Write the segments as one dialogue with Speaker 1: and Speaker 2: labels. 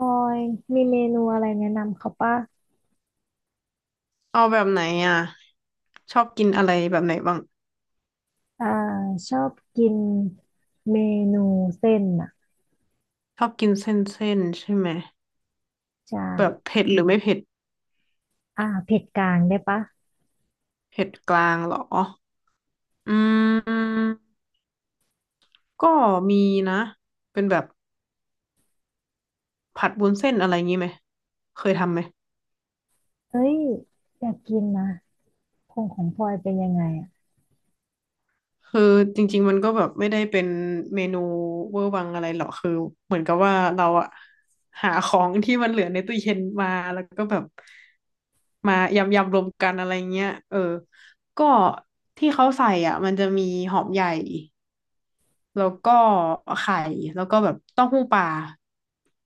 Speaker 1: ออยมีเมนูอะไรแนะนำเขาป่ะ
Speaker 2: เอาแบบไหนอ่ะชอบกินอะไรแบบไหนบ้าง
Speaker 1: อ่าชอบกินเมนูเส้นอ่ะ
Speaker 2: ชอบกินเส้นใช่ไหม
Speaker 1: ใช่
Speaker 2: แบบเผ็ดหรือไม่เผ็ด
Speaker 1: เผ็ดกลางได้ปะ
Speaker 2: เผ็ดกลางเหรออืมก็มีนะเป็นแบบผัดวุ้นเส้นอะไรงี้ไหมเคยทำไหม
Speaker 1: เอ้ยอยากกินนะคงของพลอยเป็นยังไงอ่ะ
Speaker 2: คือจริงๆมันก็แบบไม่ได้เป็นเมนูเวอร์วังอะไรหรอกคือเหมือนกับว่าเราอะหาของที่มันเหลือในตู้เย็นมาแล้วก็แบบมายำรวมกันอะไรเงี้ยเออก็ที่เขาใส่อ่ะมันจะมีหอมใหญ่แล้วก็ไข่แล้วก็แบบเต้าหู้ปลา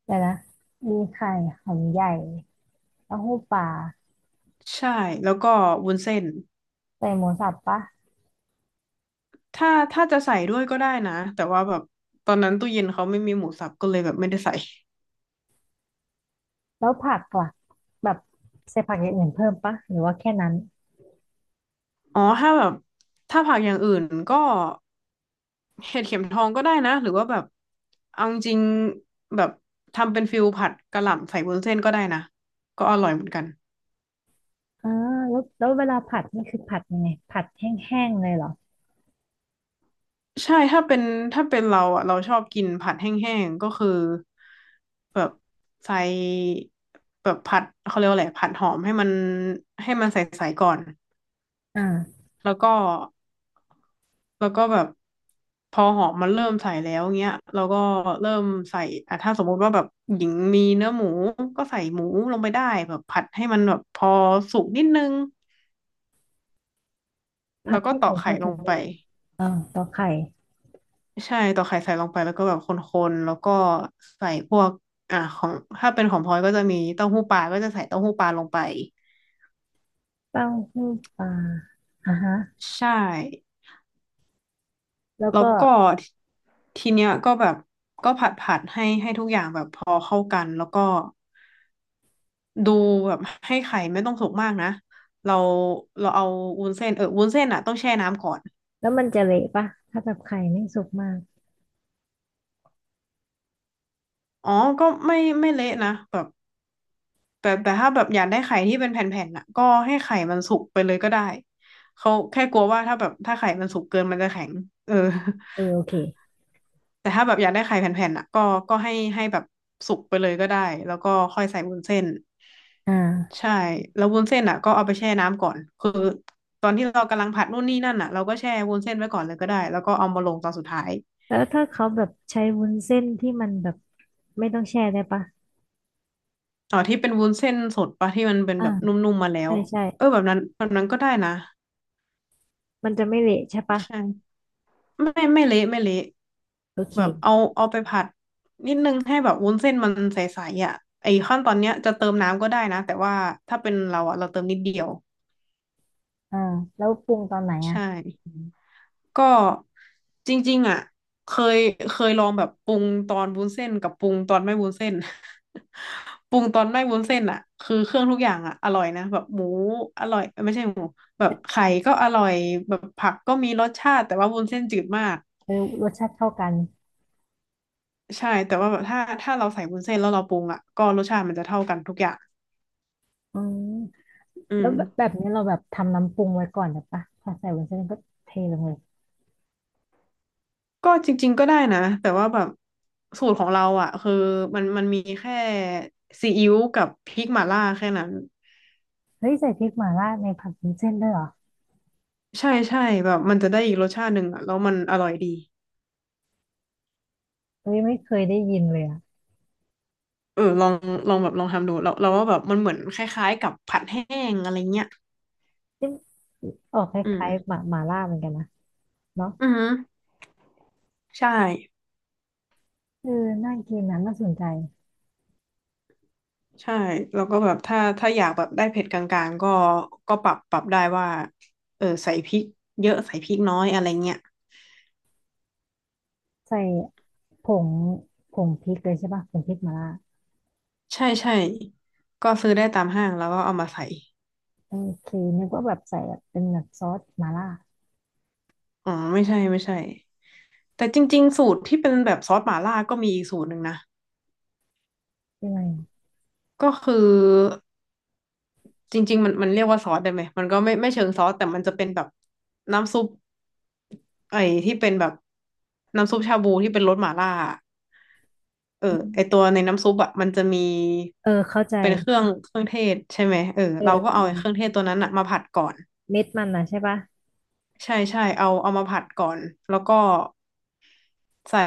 Speaker 1: แต่ละมีไข่หอมใหญ่เต้าหู้ปลา
Speaker 2: ใช่แล้วก็วุ้นเส้น
Speaker 1: ใส่หมูสับปะ
Speaker 2: ถ้าจะใส่ด้วยก็ได้นะแต่ว่าแบบตอนนั้นตู้เย็นเขาไม่มีหมูสับก็เลยแบบไม่ได้ใส่
Speaker 1: แล้วผักล่ะแบบใส่ผักอย่างอื่นเพิ่มปะหรือว่าแค่นั้น
Speaker 2: อ๋อถ้าแบบถ้าผักอย่างอื่นก็เห็ดเข็มทองก็ได้นะ หรือว่าแบบเอาจริงๆแบบทำเป็นฟิลผัดกะหล่ำใส่วุ้นเส้นก็ได้นะ ก็อร่อยเหมือนกัน
Speaker 1: อ่าแล้วเวลาผัดนี่คือผัดยังไงผัดแห้งๆเลยเหรอ
Speaker 2: ใช่ ถ้าเป็นเราอ่ะเราชอบกินผัดแห้งๆก็คือแบบใส่แบบผัดเขาเรียกว่าอะไรผัดหอมให้มันให้มันใสๆก่อน
Speaker 1: อ่า
Speaker 2: แล้วก็แล้วก็แบบพอหอมมันเริ่มใส่แล้วเงี้ยเราก็เริ่มใส่อ่ะถ้าสมมุติว่าแบบหญิงมีเนื้อหมูก็ใส่หมูลงไปได้แบบผัดให้มันแบบพอสุกนิดนึง
Speaker 1: ผั
Speaker 2: แล้
Speaker 1: ด
Speaker 2: วก็
Speaker 1: ให้
Speaker 2: ต
Speaker 1: ห
Speaker 2: อ
Speaker 1: มู
Speaker 2: กไข่
Speaker 1: มา
Speaker 2: ล
Speaker 1: ถึ
Speaker 2: ง
Speaker 1: ง
Speaker 2: ไป
Speaker 1: ได้อ่าต่อไข่
Speaker 2: ใช่ตอกไข่ใส่ลงไปแล้วก็แบบคนๆแล้วก็ใส่พวกอ่ะของถ้าเป็นของพลอยก็จะมีเต้าหู้ปลาก็จะใส่เต้าหู้ปลาลงไป
Speaker 1: เต้าหู้ปลาอ่ะฮะ
Speaker 2: ใช่
Speaker 1: แล้ว
Speaker 2: แล้
Speaker 1: ก็
Speaker 2: วก็ททีเนี้ยก็แบบก็ผัดให้ให้ทุกอย่างแบบพอเข้ากันแล้วก็ ดูแบบให้ไข่ไม่ต้องสุกมากนะเราเราเอาวุ้นเส้นเออวุ้นเส้นอ่ะต้องแช่น้ำก่อน
Speaker 1: แล้วมันจะเละปะถ้าแบบไข่ไม่สุกมาก
Speaker 2: อ๋อก็ไม่เละนะแบบแต่ถ้าแบบอยากได้ไข่ที่เป็นแผ่นๆน่ะก็ให้ไข่มันสุกไปเลยก็ได้เขาแค่กลัวว่าถ้าแบบถ้าไข่มันสุกเกินมันจะแข็งเออ
Speaker 1: เออโอเค
Speaker 2: แต่ถ้าแบบอยากได้ไข่แผ่นๆน่ะก็ก็ให้ให้แบบสุกไปเลยก็ได้แล้วก็ค่อยใส่วุ้นเส้น
Speaker 1: อ่า
Speaker 2: ใช่แล้ววุ้นเส้นอ่ะก็เอาไปแช่น้ำก่อนคือตอนที่เรากำลังผัดนู่นนี่นั่นอ่ะเราก็แช่วุ้นเส้นไว้ก่อนเลยก็ได้แล้วก็เอามาลงตอนสุดท้าย
Speaker 1: แล้วถ้าเขาแบบใช้วุ้นเส้นที่มันแบบไม่ต้องแช่ได้ปะ
Speaker 2: อ๋อที่เป็นวุ้นเส้นสดปะที่มันเป็น
Speaker 1: อ่า
Speaker 2: แบบนุ่มๆมาแล้ว
Speaker 1: ใช่ใช่
Speaker 2: เออแบบนั้นแบบนั้นก็ได้นะ
Speaker 1: มันจะไม่เละใช่ปะ
Speaker 2: ใช่ไม่เละไม่เละ
Speaker 1: โอเค
Speaker 2: แบบเอาไปผัดนิดนึงให้แบบวุ้นเส้นมันใสๆอ่ะไอ้ขั้นตอนเนี้ยจะเติมน้ำก็ได้นะแต่ว่าถ้าเป็นเราอ่ะเราเติมนิดเดียว
Speaker 1: อ่าแล้วปรุงตอนไหนอ่ะ
Speaker 2: ใช่ ก็จริงๆอ่ะเคยเคยลองแบบปรุงตอนวุ้นเส้นกับปรุงตอนไม่วุ้นเส้น ปรุงตอนไม่วุ้นเส้นอ่ะคือเครื่องทุกอย่างอ่ะอร่อยนะแบบหมูอร่อยเอ้ยไม่ใช่หมูแบบไข่ก็อร่อยแบบผักก็มีรสชาติแต่ว่าวุ้นเส้นจืดมาก
Speaker 1: เออรสชาติเท่ากัน
Speaker 2: ใช่แต่ว่าแบบถ้าเราใส่วุ้นเส้นแล้วเราปรุงอ่ะก็รสชาติมันจะเท่ากันทุกอย่าง
Speaker 1: อืม
Speaker 2: อื
Speaker 1: แล้วแบบแบ
Speaker 2: ม
Speaker 1: บนี้เราแบบทำน้ำปรุงไว้ก่อนหรือปะพอใส่วุ้นเส้นก็เทลงเลย
Speaker 2: ก็จริงๆก็ได้นะแต่ว่าแบบสูตรของเราอ่ะคือมันมีแค่ซีอิ๊วกับพริกหม่าล่าแค่นั้น
Speaker 1: เฮ้ยใส่พริกหม่าล่าในผัดวุ้นเส้นด้วยเหรอ
Speaker 2: ใช่ใช่แบบมันจะได้อีกรสชาติหนึ่งอ่ะแล้วมันอร่อยดี
Speaker 1: เฮ้ยไม่เคยได้ยินเลยอ่ะ
Speaker 2: เออลองลองแบบลองทำดูเราว่าแบบมันเหมือนคล้ายๆกับผัดแห้งอะไรเงี้ย
Speaker 1: ออกค
Speaker 2: อื
Speaker 1: ล้ายๆ
Speaker 2: ม
Speaker 1: หมาหมาล่าเหมือนกันนะเนาะ
Speaker 2: อือือใช่
Speaker 1: เออน่ากินนะน่าสนใจ
Speaker 2: ใช่แล้วก็แบบถ้าอยากแบบได้เผ็ดกลางๆก็ก็ปรับได้ว่าเออใส่พริกเยอะใส่พริกน้อยอะไรเงี้ย
Speaker 1: ใส่ผงผงพริกเลยใช่ป่ะผงพริกหมาล่า
Speaker 2: ใช่ใช่ก็ซื้อได้ตามห้างแล้วก็เอามาใส่
Speaker 1: โอเคนึกว่าแบบใส่แบบเป็นแบบซอสหมาล่า
Speaker 2: อ๋อไม่ใช่แต่จริงๆสูตรที่เป็นแบบซอสหม่าล่าก็มีอีกสูตรหนึ่งนะ
Speaker 1: ใช่ไหม
Speaker 2: ก็คือ จริงๆมันเรียกว่าซอสได้ไหมมันก็ไม่เชิงซอสแต่มันจะเป็นแบบน้ำซุปไอ้ที่เป็นแบบน้ำซุปชาบูที่เป็นรสหม่าล่าอะเออ
Speaker 1: อื
Speaker 2: ไอ
Speaker 1: ม
Speaker 2: ตัวในน้ำซุปอ่ะมันจะมี
Speaker 1: เออเข้าใจ
Speaker 2: เป็นเครื่องเทศใช่ไหมเออ
Speaker 1: เอ
Speaker 2: เราก็เอาไอ้เค
Speaker 1: อ
Speaker 2: รื่องเทศตัวนั้นอ่ะมาผัดก่อน
Speaker 1: เม็ดมันนะใช่ป่ะ
Speaker 2: ใช่ใช่เอามาผัดก่อนแล้วก็ใส่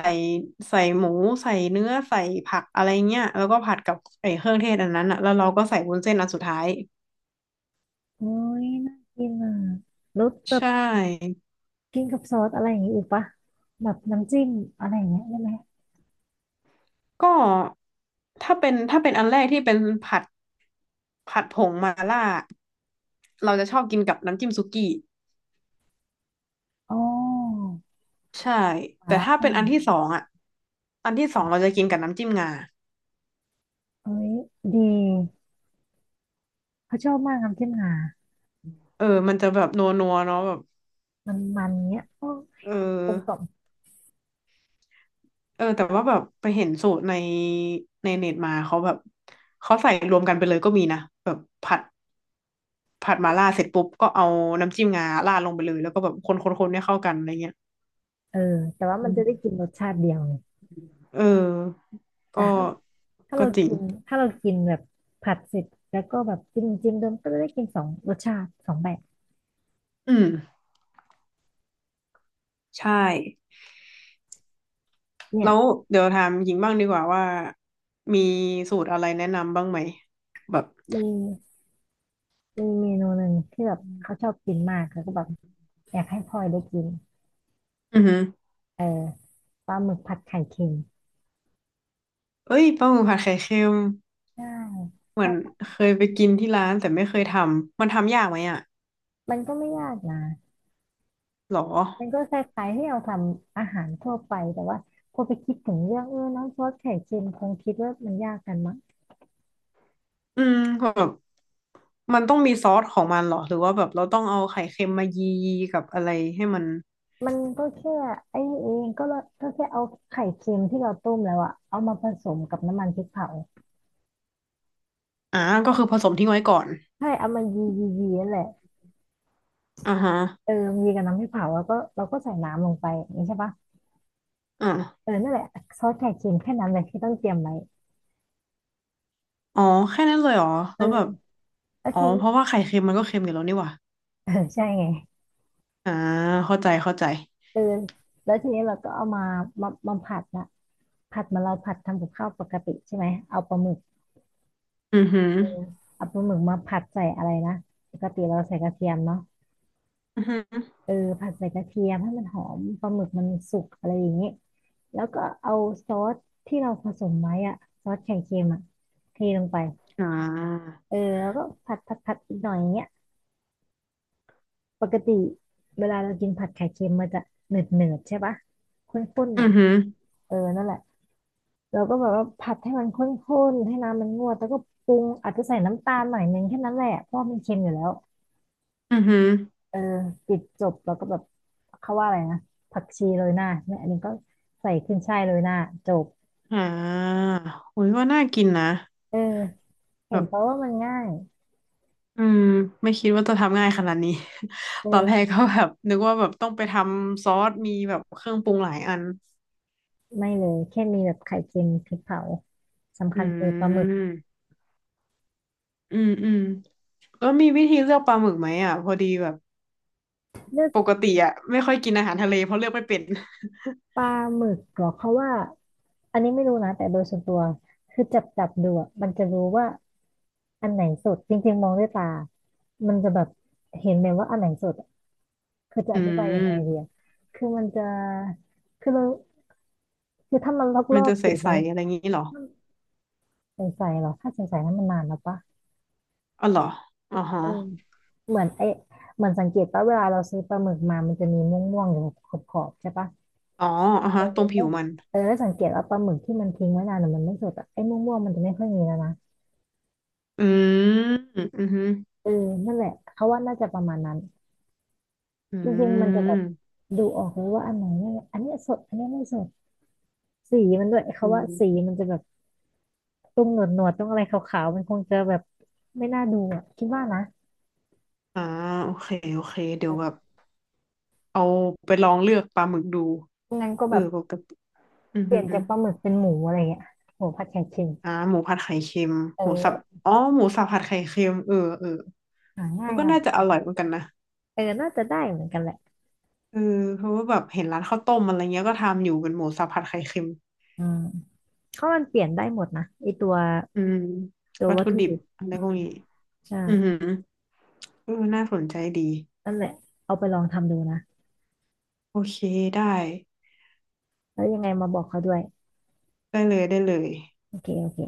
Speaker 2: ใส่หมูใส่เนื้อใส่ผักอะไรเงี้ยแล้วก็ผัดกับไอ้เครื่องเทศอันนั้นอ่ะแล้วเราก็ใส่วุ้นเส้นอันสุดท้าย
Speaker 1: โอ้ยน่ากินอ่ะแล้วแบ
Speaker 2: ใช
Speaker 1: บ
Speaker 2: ่
Speaker 1: กินกับซอสอะไรอย่างงี้อีกป่ะแบบน้ำจิ้มอะไรอย่างเงี้ยได้ไหม
Speaker 2: ก็ถ้าเป็นอันแรกที่เป็นผัดผัดผงมาล่าเราจะชอบกินกับน้ำจิ้มซุกี้
Speaker 1: อ๋อ
Speaker 2: ใช่
Speaker 1: หมา
Speaker 2: แต่
Speaker 1: ล่า
Speaker 2: ถ้า
Speaker 1: แห้
Speaker 2: เป็น
Speaker 1: ง
Speaker 2: อันที่สองอ่ะอันที่สองเราจะกินกับน้ำจิ้มงา
Speaker 1: เอ้ยดีเขาชอบมากน้ำจิ้มงา
Speaker 2: เออมันจะแบบนัวนัวเนาะแบบ
Speaker 1: มันมันเงี้ยโอ้
Speaker 2: เออ
Speaker 1: กลมกล่อม
Speaker 2: เออแต่ว่าแบบไปเห็นสูตรในเน็ตมาเขาแบบเขาใส่รวมกันไปเลยก็มีนะแบบผัดผัดมาล่าเสร็จปุ๊บก็เอาน้ำจิ้มงาราดลงไปเลยแล้วก็แบบคนให้เข้ากันอะไรเงี้ย
Speaker 1: เออแต่ว่ามั
Speaker 2: อื
Speaker 1: นจะได้
Speaker 2: ม
Speaker 1: กินรสชาติเดียวไง
Speaker 2: เออ
Speaker 1: แต่
Speaker 2: ก็
Speaker 1: ถ้าถ้า
Speaker 2: ก็
Speaker 1: เรา
Speaker 2: จริง
Speaker 1: กินถ้าเรากินแบบผัดเสร็จแล้วก็แบบจิ้มจิ้มเดิมก็จะได้กินสองรสชาติสองแบบ
Speaker 2: อืม ใช่
Speaker 1: เนี่
Speaker 2: แล้
Speaker 1: ย
Speaker 2: วเดี๋ยวถามหญิงบ้างดีกว่าว่ามีสูตรอะไรแนะนำบ้างไหมแบบ
Speaker 1: มีมีเมนูหนึ่งที่แบบเขาชอบกินมากแล้วก็แบบอยากให้พลอยได้กิน
Speaker 2: อือหือ
Speaker 1: เออปลาหมึกผัดไข่เค็ม
Speaker 2: เอ้ยปลาหมึกผัดไข่เค็ม
Speaker 1: ใช่ค
Speaker 2: เหมื
Speaker 1: รั
Speaker 2: อน
Speaker 1: บ
Speaker 2: เคยไปกินที่ร้านแต่ไม่เคยทำมันทำยากไหมอ่ะ
Speaker 1: มันก็ไม่ยากนะ
Speaker 2: หรอ
Speaker 1: มันก็คล้ายๆที่เราทำอาหารทั่วไปแต่ว่าพอไปคิดถึงเรื่องเออน้ำซอสไข่เค็มคงคิดว่ามันยากกันมั้ง
Speaker 2: อืมแบบมันต้องมีซอสของมันเหรอหรือว่าแบบเราต้องเอาไข่เค็มมายีกับอะไรให้มัน
Speaker 1: มันก็แค่ไอ้นี่เองก็ละก็แค่เอาไข่เค็มที่เราต้มแล้วอะเอามาผสมกับน้ำมันพริกเผา
Speaker 2: อ่าก็คือผสมทิ้งไว้ก่อน
Speaker 1: ใช่เอามายียียีนั่นแหละ
Speaker 2: อ่าฮะ
Speaker 1: เออยีกับน้ำพริกเผาแล้วก็เราก็ใส่น้ำลงไปอย่างนี้ใช่ปะ
Speaker 2: อ
Speaker 1: เอ
Speaker 2: ่า
Speaker 1: อนั่นแหละซอสไข่เค็มแค่นั้นเลยที่ต้องเตรียมไว้
Speaker 2: อ๋อแค่นั้นเลยเหรอ
Speaker 1: เอ
Speaker 2: แล้
Speaker 1: อ
Speaker 2: วแบบ
Speaker 1: แล้ว
Speaker 2: อ๋อ
Speaker 1: ที
Speaker 2: เพ
Speaker 1: นี้
Speaker 2: ราะว่าไข่เค็มมันก็เค็มอยู่แล้วนี่หว่า
Speaker 1: เออใช่ไง
Speaker 2: อ่าเข้าใจเข้าใจ
Speaker 1: เออแล้วทีนี้เราก็เอามามาผัดนะผัดเหมาเราผัดทำกับข้าวปกติใช่ไหมเอาปลาหมึก
Speaker 2: อือหือ
Speaker 1: เออเอาปลาหมึกมาผัดใส่อะไรนะปกติเราใส่กระเทียมเนาะ
Speaker 2: อือหือ
Speaker 1: เออผัดใส่กระเทียมให้มันหอมปลาหมึกมันสุกอะไรอย่างนี้แล้วก็เอาซอสที่เราผสมไว้อะซอสไข่เค็มอะเทลงไป
Speaker 2: อ่า
Speaker 1: เออแล้วก็ผัดผัดผัดอีกหน่อยอย่างเงี้ยปกติเวลาเรากินผัดไข่เค็มมันจะเหนืดเนืดใช่ปะข้นๆห
Speaker 2: อื
Speaker 1: น่อ
Speaker 2: อ
Speaker 1: ย
Speaker 2: หือ
Speaker 1: เออนั่นแหละเราก็แบบว่าผัดให้มันข้นๆให้น้ำมันงวดแล้วก็ปรุงอาจจะใส่น้ำตาลหน่อยนึงแค่นั้นแหละเพราะว่ามันเค็มอยู่แล้ว
Speaker 2: อือหือ
Speaker 1: เออปิดจบแล้วก็แบบเขาว่าอะไรนะผักชีโรยหน้าเนี่ยอันนี้ก็ใส่ขึ้นช่ายโรยหน้าจบ
Speaker 2: อ่าโอ้ยว่าน่ากินนะ
Speaker 1: เออ
Speaker 2: แบ
Speaker 1: เห็น
Speaker 2: บ
Speaker 1: เพราะว่ามันง่าย
Speaker 2: อืมไม่คิดว่าจะทำง่ายขนาดนี้ ตอนแรก
Speaker 1: เออ
Speaker 2: ก็แบบนึกว่าแบบต้องไปทำซอสมีแบบเครื่องปรุงหลายอัน
Speaker 1: ไม่เลยแค่มีแบบไข่เค็มพริกเผาสำ
Speaker 2: อื
Speaker 1: คัญคือปลาหมึก
Speaker 2: มอืมอืมแล้วมีวิธีเลือกปลาหมึกไหมอ่ะพอดีแบบ
Speaker 1: เลือก
Speaker 2: ปกติอ่ะไม่ค่อยกินอาหารทะเลเพราะเลือกไม่เป็น
Speaker 1: ปลาหมึกเหรอเขาว่าอันนี้ไม่รู้นะแต่โดยส่วนตัวคือจับจับดูอะมันจะรู้ว่าอันไหนสดจริงๆมองด้วยตามันจะแบบเห็นเลยว่าอันไหนสดอะคือจะ
Speaker 2: อื
Speaker 1: อธิบายยัง
Speaker 2: ม
Speaker 1: ไงดีอะคือมันจะคือเราคือถ้ามัน ล
Speaker 2: มัน
Speaker 1: อก
Speaker 2: จะ
Speaker 1: ๆ
Speaker 2: ใ
Speaker 1: สี
Speaker 2: ส
Speaker 1: มัน
Speaker 2: ๆอะไรงี้เหรอ
Speaker 1: ใสๆหรอถ้าใสๆนั้นมันนานแล้วปะ
Speaker 2: อ๋อเหรออ๋อฮะ
Speaker 1: เออเหมือนไอเหมือนสังเกตปะเวลาเราซื้อปลาหมึกมา มันจะมีม่วงๆอยู่ขอบขอบๆใช่ปะ
Speaker 2: อ๋ออ่ะ
Speaker 1: เอ
Speaker 2: ฮะ
Speaker 1: อ
Speaker 2: ตรงผิวมัน
Speaker 1: เออแล้วสังเกตว่าปลาหมึกที่มันทิ้งไว้นานหรือมันไม่สดอะไอ้ม่วงๆมันจะไม่ค่อยมีแล้วนะ
Speaker 2: อืมอือหือ
Speaker 1: เออนั่นแหละ เขาว่าน่าจะประมาณนั้น
Speaker 2: อื
Speaker 1: จริงๆมันจะแบบ
Speaker 2: ม
Speaker 1: ดูออกเลยว่าอันไหนเนี่ยอันเนี้ยสด อันเนี้ยไม่สดสีมันด้วย
Speaker 2: อื
Speaker 1: เขาว่า
Speaker 2: ม
Speaker 1: สีมันจะแบบต้องหนวดหนวดต้องอะไรขาวๆมันคงจะแบบไม่น่าดูอะคิดว่านะ
Speaker 2: อ่าโอเคโอเค เดี๋ยวแบบเอาไปลองเลือกปลาหมึกดู
Speaker 1: งั้นก็
Speaker 2: เอ
Speaker 1: แบ
Speaker 2: อ
Speaker 1: บ
Speaker 2: ปกติอือ
Speaker 1: เป
Speaker 2: หื
Speaker 1: ลี่
Speaker 2: อ
Speaker 1: ยนจากปลาหมึกเป็นหมูอะไรเงี้ยหมูผัดไข่เค็ม
Speaker 2: อ่าหมูผัดไข่เค็ม
Speaker 1: เอ
Speaker 2: หมูสับ
Speaker 1: อ
Speaker 2: อ๋อหมูสับผัดไข่เค็มเออเออ
Speaker 1: หาง่า
Speaker 2: มั
Speaker 1: ย
Speaker 2: นก็
Speaker 1: ครับ
Speaker 2: น่าจะอร่อยเหมือนกันนะ
Speaker 1: เออน่าจะได้เหมือนกันแหละ
Speaker 2: เออเพราะว่าแบบเห็นร้านข้าวต้มอะไรเงี้ยก็ทำอยู่เป็นหมูสับผัดไข่เค็ม
Speaker 1: อืมเพราะมันเปลี่ยนได้หมดนะไอตัว
Speaker 2: อืม
Speaker 1: ตัว
Speaker 2: วัต
Speaker 1: วัต
Speaker 2: ถุ
Speaker 1: ถุ
Speaker 2: ดิบ
Speaker 1: ดิบ
Speaker 2: อะไรพวกนี้อือหื
Speaker 1: ใช่
Speaker 2: อเออน่าสนใจดี
Speaker 1: นั่นแหละเอาไปลองทำดูนะ
Speaker 2: โอเคได้
Speaker 1: แล้วยังไงมาบอกเขาด้วย
Speaker 2: ได้เลยได้เลย
Speaker 1: โอเค โอเค